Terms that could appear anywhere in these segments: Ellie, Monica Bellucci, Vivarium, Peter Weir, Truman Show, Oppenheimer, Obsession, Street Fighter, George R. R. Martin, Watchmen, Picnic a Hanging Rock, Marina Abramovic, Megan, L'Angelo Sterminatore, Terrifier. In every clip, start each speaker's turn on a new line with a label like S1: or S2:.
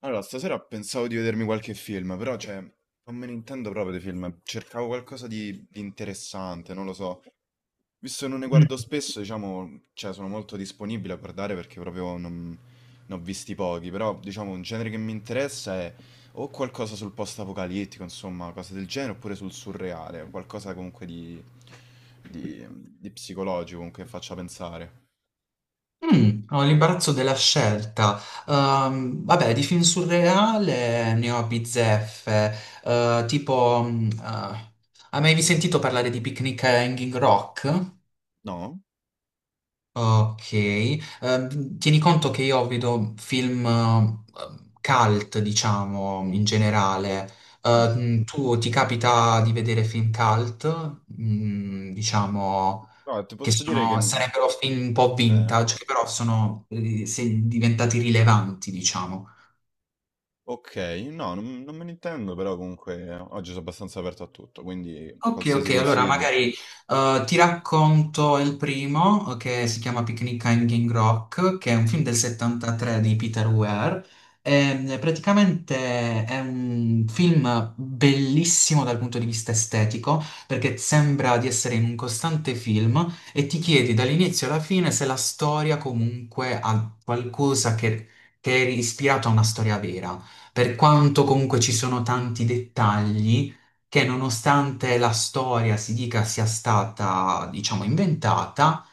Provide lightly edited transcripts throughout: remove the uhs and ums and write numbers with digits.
S1: Allora, stasera pensavo di vedermi qualche film, però non me ne intendo proprio di film. Cercavo qualcosa di interessante, non lo so. Visto che non ne
S2: Mm.
S1: guardo spesso, diciamo, cioè, sono molto disponibile a guardare perché proprio non, ne ho visti pochi. Però, diciamo, un genere che mi interessa è o qualcosa sul post-apocalittico, insomma, cose del genere, oppure sul surreale, qualcosa comunque di, di psicologico, comunque che faccia pensare.
S2: Ho l'imbarazzo della scelta. Vabbè, di film surreale ne ho bizzeffe. Tipo, hai mai sentito parlare di Picnic a Hanging Rock?
S1: No?
S2: Ok. Tieni conto che io vedo film cult, diciamo, in generale. Tu ti capita di vedere film cult? Diciamo.
S1: No, ti
S2: che
S1: posso dire
S2: sono-
S1: che...
S2: sarebbero film un po'
S1: Eh?
S2: vintage, che però sono diventati rilevanti, diciamo.
S1: Ok, non me ne intendo, però comunque oggi sono abbastanza aperto a tutto, quindi
S2: Ok,
S1: qualsiasi
S2: ok, allora
S1: consiglio.
S2: magari ti racconto il primo che si chiama Picnic a Hanging Rock, che è un film del 73 di Peter Weir. Praticamente è un film bellissimo dal punto di vista estetico, perché sembra di essere in un costante film e ti chiedi dall'inizio alla fine se la storia comunque ha qualcosa che è ispirato a una storia vera. Per quanto comunque ci sono tanti dettagli che nonostante la storia si dica sia stata, diciamo, inventata,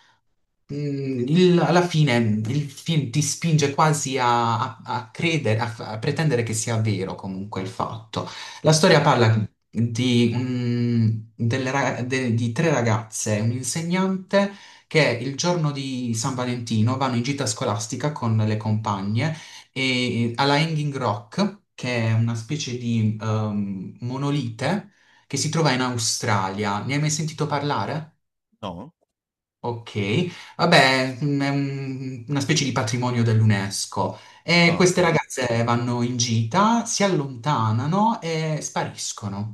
S2: Alla fine il film ti spinge quasi a credere, a pretendere che sia vero comunque il fatto. La storia parla di, di tre ragazze, e un insegnante che il giorno di San Valentino vanno in gita scolastica con le compagne e, alla Hanging Rock, che è una specie di monolite che si trova in Australia. Ne hai mai sentito parlare?
S1: No?
S2: Ok, vabbè, è una specie di patrimonio dell'UNESCO. E
S1: Ah,
S2: queste
S1: ok.
S2: ragazze vanno in gita, si allontanano e spariscono.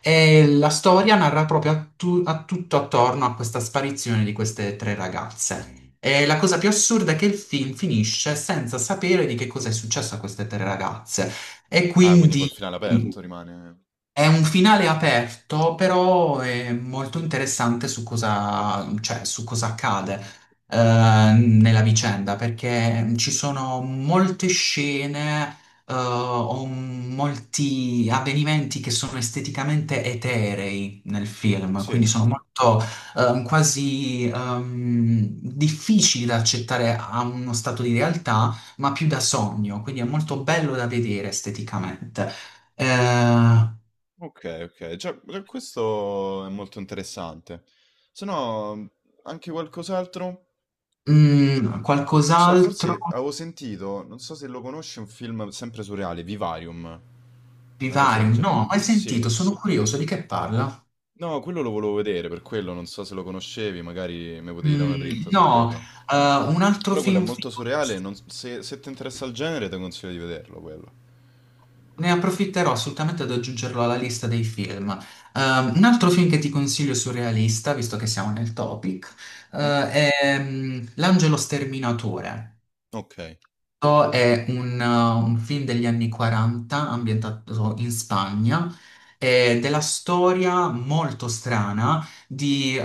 S2: E la storia narra proprio a tutto attorno a questa sparizione di queste tre ragazze. E la cosa più assurda è che il film finisce senza sapere di che cosa è successo a queste tre ragazze. E
S1: Ah, quindi col
S2: quindi
S1: finale aperto rimane.
S2: è un finale aperto, però è molto interessante su cosa, cioè, su cosa accade eh, nella vicenda, perché ci sono molte scene o molti avvenimenti che sono esteticamente eterei nel film, quindi
S1: Sì,
S2: sono molto quasi difficili da accettare a uno stato di realtà, ma più da sogno, quindi è molto bello da vedere esteticamente. Eh,
S1: ok, ok. Già, già questo è molto interessante. Se no, anche qualcos'altro? Non so,
S2: Qualcos'altro
S1: forse avevo sentito, non so se lo conosci, un film sempre surreale, Vivarium.
S2: di
S1: Una cosa del
S2: vario?
S1: genere.
S2: No, mai sentito,
S1: Sì.
S2: sono curioso di che parla.
S1: No, quello lo volevo vedere, per quello non so se lo conoscevi, magari mi potevi dare una dritta su
S2: No,
S1: quello.
S2: un altro
S1: Però quello è
S2: film
S1: molto
S2: figo,
S1: surreale, se, se ti interessa il genere ti consiglio di vederlo quello.
S2: ne approfitterò assolutamente ad aggiungerlo alla lista dei film. Un altro film che ti consiglio surrealista, visto che siamo nel topic,
S1: Mm?
S2: è L'Angelo Sterminatore.
S1: Ok. E
S2: Questo è un film degli anni 40 ambientato in Spagna, della storia molto strana di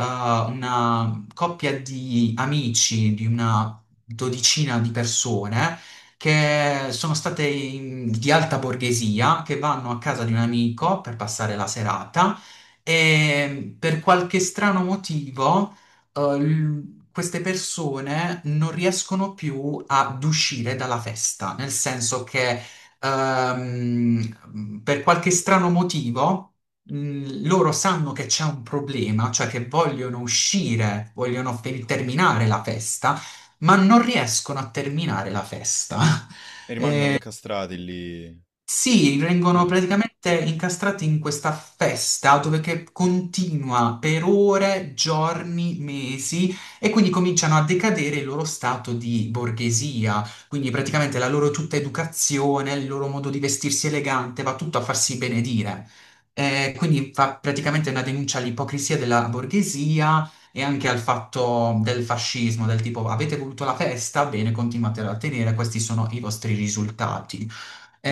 S2: una coppia di amici, di una dodicina di persone che sono state di alta borghesia, che vanno a casa di un amico per passare la serata e per qualche strano motivo queste persone non riescono più ad uscire dalla festa, nel senso che per qualche strano motivo loro sanno che c'è un problema, cioè che vogliono uscire, vogliono terminare la festa, ma non riescono a terminare la festa.
S1: rimangono incastrati lì.
S2: Sì, vengono
S1: Eh.
S2: praticamente incastrati in questa festa dove che continua per ore, giorni, mesi e quindi cominciano a decadere il loro stato di borghesia. Quindi praticamente la loro tutta educazione, il loro modo di vestirsi elegante va tutto a farsi benedire. Quindi fa praticamente una denuncia all'ipocrisia della borghesia e anche al fatto del fascismo, del tipo avete voluto la festa, bene, continuate a tenere, questi sono i vostri risultati.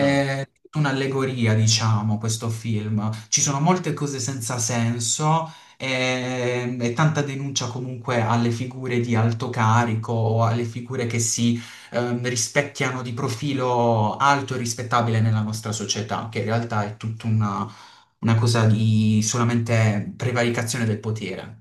S1: Ah,
S2: un'allegoria, diciamo, questo film. Ci sono molte cose senza senso e tanta denuncia comunque alle figure di alto carico o alle figure che si rispecchiano di profilo alto e rispettabile nella nostra società, che in realtà è tutta una cosa di solamente prevaricazione del potere.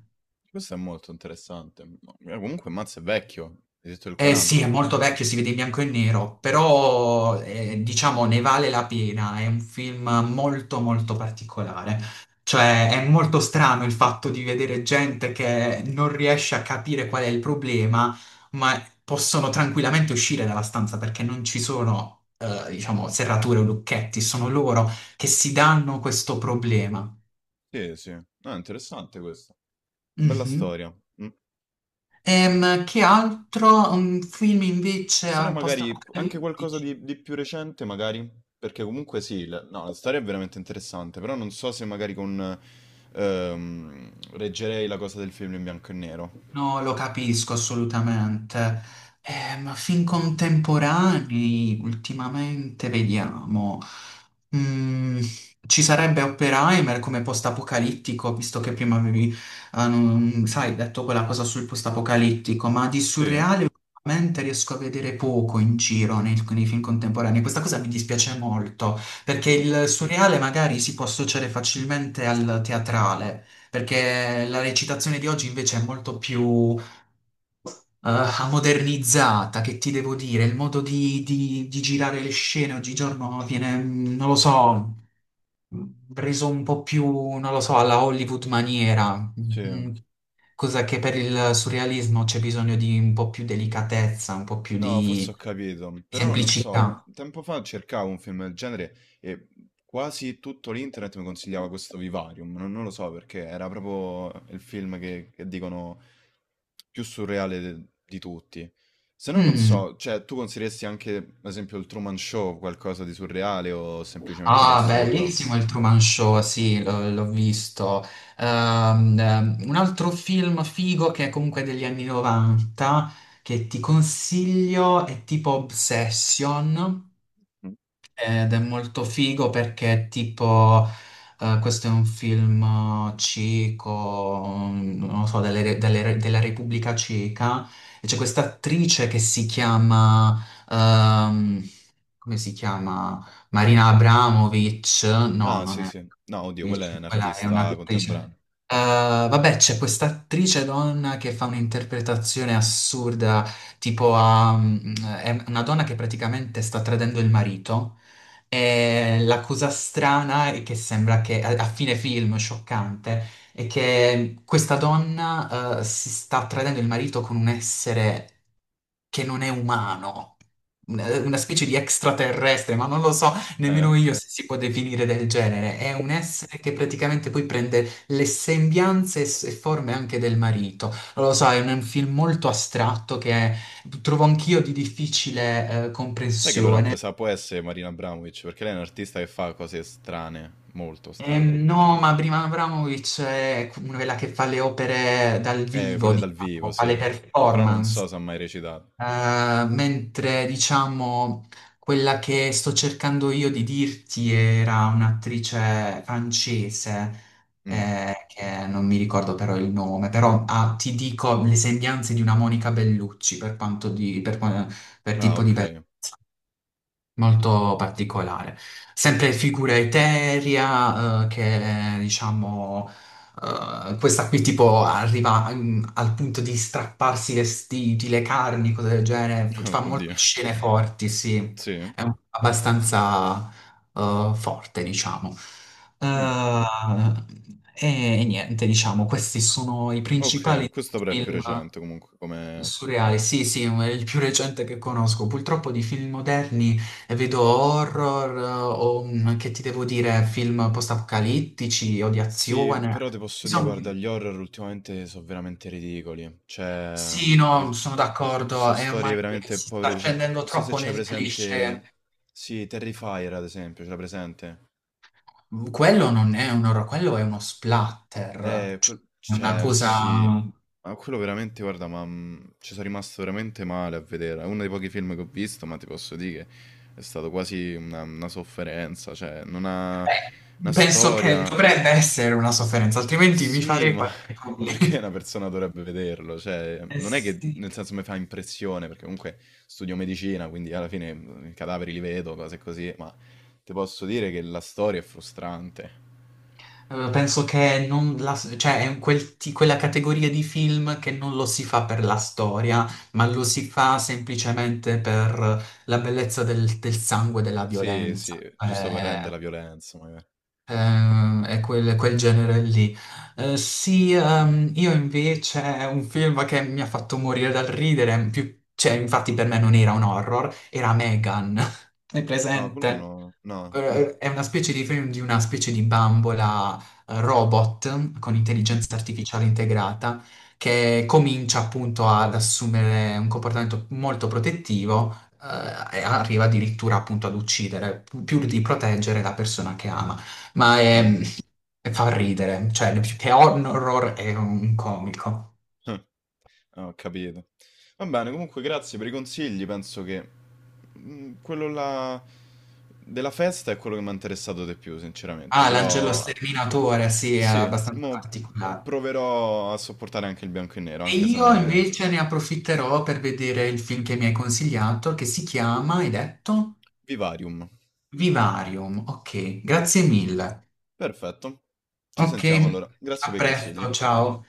S1: questo è molto interessante. Comunque Mazz è vecchio, hai detto il
S2: Eh sì, è
S1: 40.
S2: molto vecchio, si vede in bianco e nero, però diciamo ne vale la pena, è un film molto molto particolare. Cioè è molto strano il fatto di vedere gente che non riesce a capire qual è il problema, ma possono tranquillamente uscire dalla stanza perché non ci sono, diciamo, serrature o lucchetti, sono loro che si danno questo problema.
S1: Sì, sì. No, è interessante questo. Bella
S2: Mhm.
S1: storia. Mm.
S2: Che altro? Un film
S1: Se no
S2: invece post.
S1: magari anche qualcosa di più recente, magari. Perché comunque sì, la, no, la storia è veramente interessante, però non so se magari con... reggerei la cosa del film in bianco e nero.
S2: No, lo capisco assolutamente. Ma film contemporanei, ultimamente, vediamo. Mm, Ci sarebbe Oppenheimer come post-apocalittico, visto che prima avevi, sai, detto quella cosa sul post-apocalittico, ma di
S1: Sì,
S2: surreale ultimamente riesco a vedere poco in giro nei film contemporanei. Questa cosa mi dispiace molto, perché il surreale magari si può associare facilmente al teatrale perché la recitazione di oggi invece è molto più modernizzata, che ti devo dire, il modo di girare le scene oggigiorno viene, non lo so, mm, reso un po' più, non lo so, alla Hollywood maniera,
S1: sì.
S2: cosa che per il surrealismo c'è bisogno di un po' più delicatezza, un po' più
S1: No, forse
S2: di,
S1: ho capito,
S2: sì,
S1: però non so,
S2: semplicità.
S1: tempo fa cercavo un film del genere e quasi tutto l'internet mi consigliava questo Vivarium, non lo so perché era proprio il film che dicono più surreale di tutti. Se no non
S2: Mm.
S1: so, cioè tu consiglieresti anche, ad esempio, il Truman Show qualcosa di surreale o semplicemente di
S2: Ah,
S1: assurdo?
S2: bellissimo il Truman Show, sì, l'ho visto. Un altro film figo che è comunque degli anni 90, che ti consiglio, è tipo Obsession,
S1: Mm.
S2: ed è molto figo perché è tipo, questo è un film ceco, non lo so, della Repubblica Ceca, e c'è questa attrice che si chiama... ehm, come si chiama? Marina Abramovic, no,
S1: Ah,
S2: non
S1: sì,
S2: è
S1: sì. No, oddio, quello è un
S2: Abramovic, quella è
S1: artista
S2: un'attrice.
S1: contemporaneo.
S2: Vabbè, c'è questa attrice donna che fa un'interpretazione assurda, tipo è una donna che praticamente sta tradendo il marito e la cosa strana è che sembra che a fine film, scioccante, è che questa donna, si sta tradendo il marito con un essere che non è umano, una specie di extraterrestre, ma non lo so
S1: Eh?
S2: nemmeno io se si può definire del genere. È un essere che praticamente poi prende le sembianze e e forme anche del marito. Non lo so, è un film molto astratto che trovo anch'io di difficile,
S1: Sai che allora
S2: comprensione.
S1: mi sa può essere Marina Abramovic, perché lei è un'artista che fa cose strane, molto strane.
S2: No, ma Brian Abramovic è quella che fa le opere dal vivo,
S1: Quelle dal vivo,
S2: diciamo, fa le
S1: sì. Però non so
S2: performance.
S1: se ha mai recitato.
S2: Mentre diciamo quella che sto cercando io di dirti era un'attrice francese,
S1: Mm.
S2: che non mi ricordo però il nome, però ti dico le sembianze di una Monica Bellucci per quanto di, per, per
S1: Ah,
S2: tipo di bellezza
S1: ok.
S2: molto particolare. Sempre figura eterea, che diciamo, questa qui tipo arriva al punto di strapparsi i vestiti, le carni, cose del genere, fa molte
S1: Oddio.
S2: scene forti, sì,
S1: Sì.
S2: è abbastanza forte, diciamo.
S1: Mm.
S2: Eh, e niente, diciamo, questi sono i
S1: Ok,
S2: principali
S1: questo però è più
S2: film.
S1: recente comunque come...
S2: Surreale, sì, sì, è il più recente che conosco. Purtroppo di film moderni vedo horror o che ti devo dire, film post-apocalittici o di
S1: Sì,
S2: azione.
S1: però ti posso dire,
S2: Insomma,
S1: guarda, gli horror ultimamente sono veramente ridicoli. Cioè,
S2: sì, no, sono
S1: so
S2: d'accordo, e
S1: storie
S2: ormai
S1: veramente
S2: si
S1: povere
S2: sta
S1: di
S2: scendendo
S1: non so se
S2: troppo
S1: c'è
S2: nel cliché.
S1: presente... Sì, Terrifier ad esempio, ce l'ha presente?
S2: Quello non è un horror, quello è uno splatter, cioè è una
S1: Cioè,
S2: cosa...
S1: sì, ma quello veramente, guarda, ci sono rimasto veramente male a vedere. È uno dei pochi film che ho visto, ma ti posso dire che è stato quasi una sofferenza. Cioè, non ha una
S2: Penso che
S1: storia.
S2: dovrebbe essere una sofferenza, altrimenti mi
S1: Sì,
S2: farei
S1: ma,
S2: qualche
S1: ma
S2: problema.
S1: perché una persona dovrebbe vederlo? Cioè,
S2: Eh
S1: non è che
S2: sì.
S1: nel senso mi fa impressione, perché comunque studio medicina, quindi alla fine i cadaveri li vedo, cose così, ma ti posso dire che la storia è frustrante.
S2: Penso che non, cioè, è quella categoria di film che non lo si fa per la storia, ma lo si fa semplicemente per la bellezza del sangue e della
S1: Sì, sì,
S2: violenza.
S1: giusto per rendere la violenza, magari.
S2: È quel genere lì. Sì, io invece un film che mi ha fatto morire dal ridere, cioè, infatti per me non era un horror, era Megan. È
S1: No, quello
S2: presente?
S1: no. No.
S2: È una specie di film di una specie di bambola robot con
S1: Mh-mh.
S2: intelligenza artificiale integrata che comincia appunto ad assumere un comportamento molto protettivo e arriva addirittura appunto ad uccidere, più di proteggere la persona che ama. Ma
S1: Eh.
S2: fa ridere, cioè più che un horror è un comico.
S1: Eh. Ho capito. Va bene, comunque grazie per i consigli. Penso che, mhmm, quello là della festa è quello che m'ha interessato di più, sinceramente.
S2: Ah, l'Angelo
S1: Però
S2: Sterminatore, sì, è
S1: sì,
S2: abbastanza
S1: mo
S2: particolare.
S1: proverò a sopportare anche il bianco e nero,
S2: E
S1: anche se non
S2: io
S1: è
S2: invece ne approfitterò per vedere il film che mi hai consigliato, che si chiama, hai detto?
S1: vivarium.
S2: Vivarium. Ok, grazie mille.
S1: Perfetto. Ci
S2: Ok,
S1: sentiamo allora. Grazie
S2: a
S1: per i consigli.
S2: presto, ciao.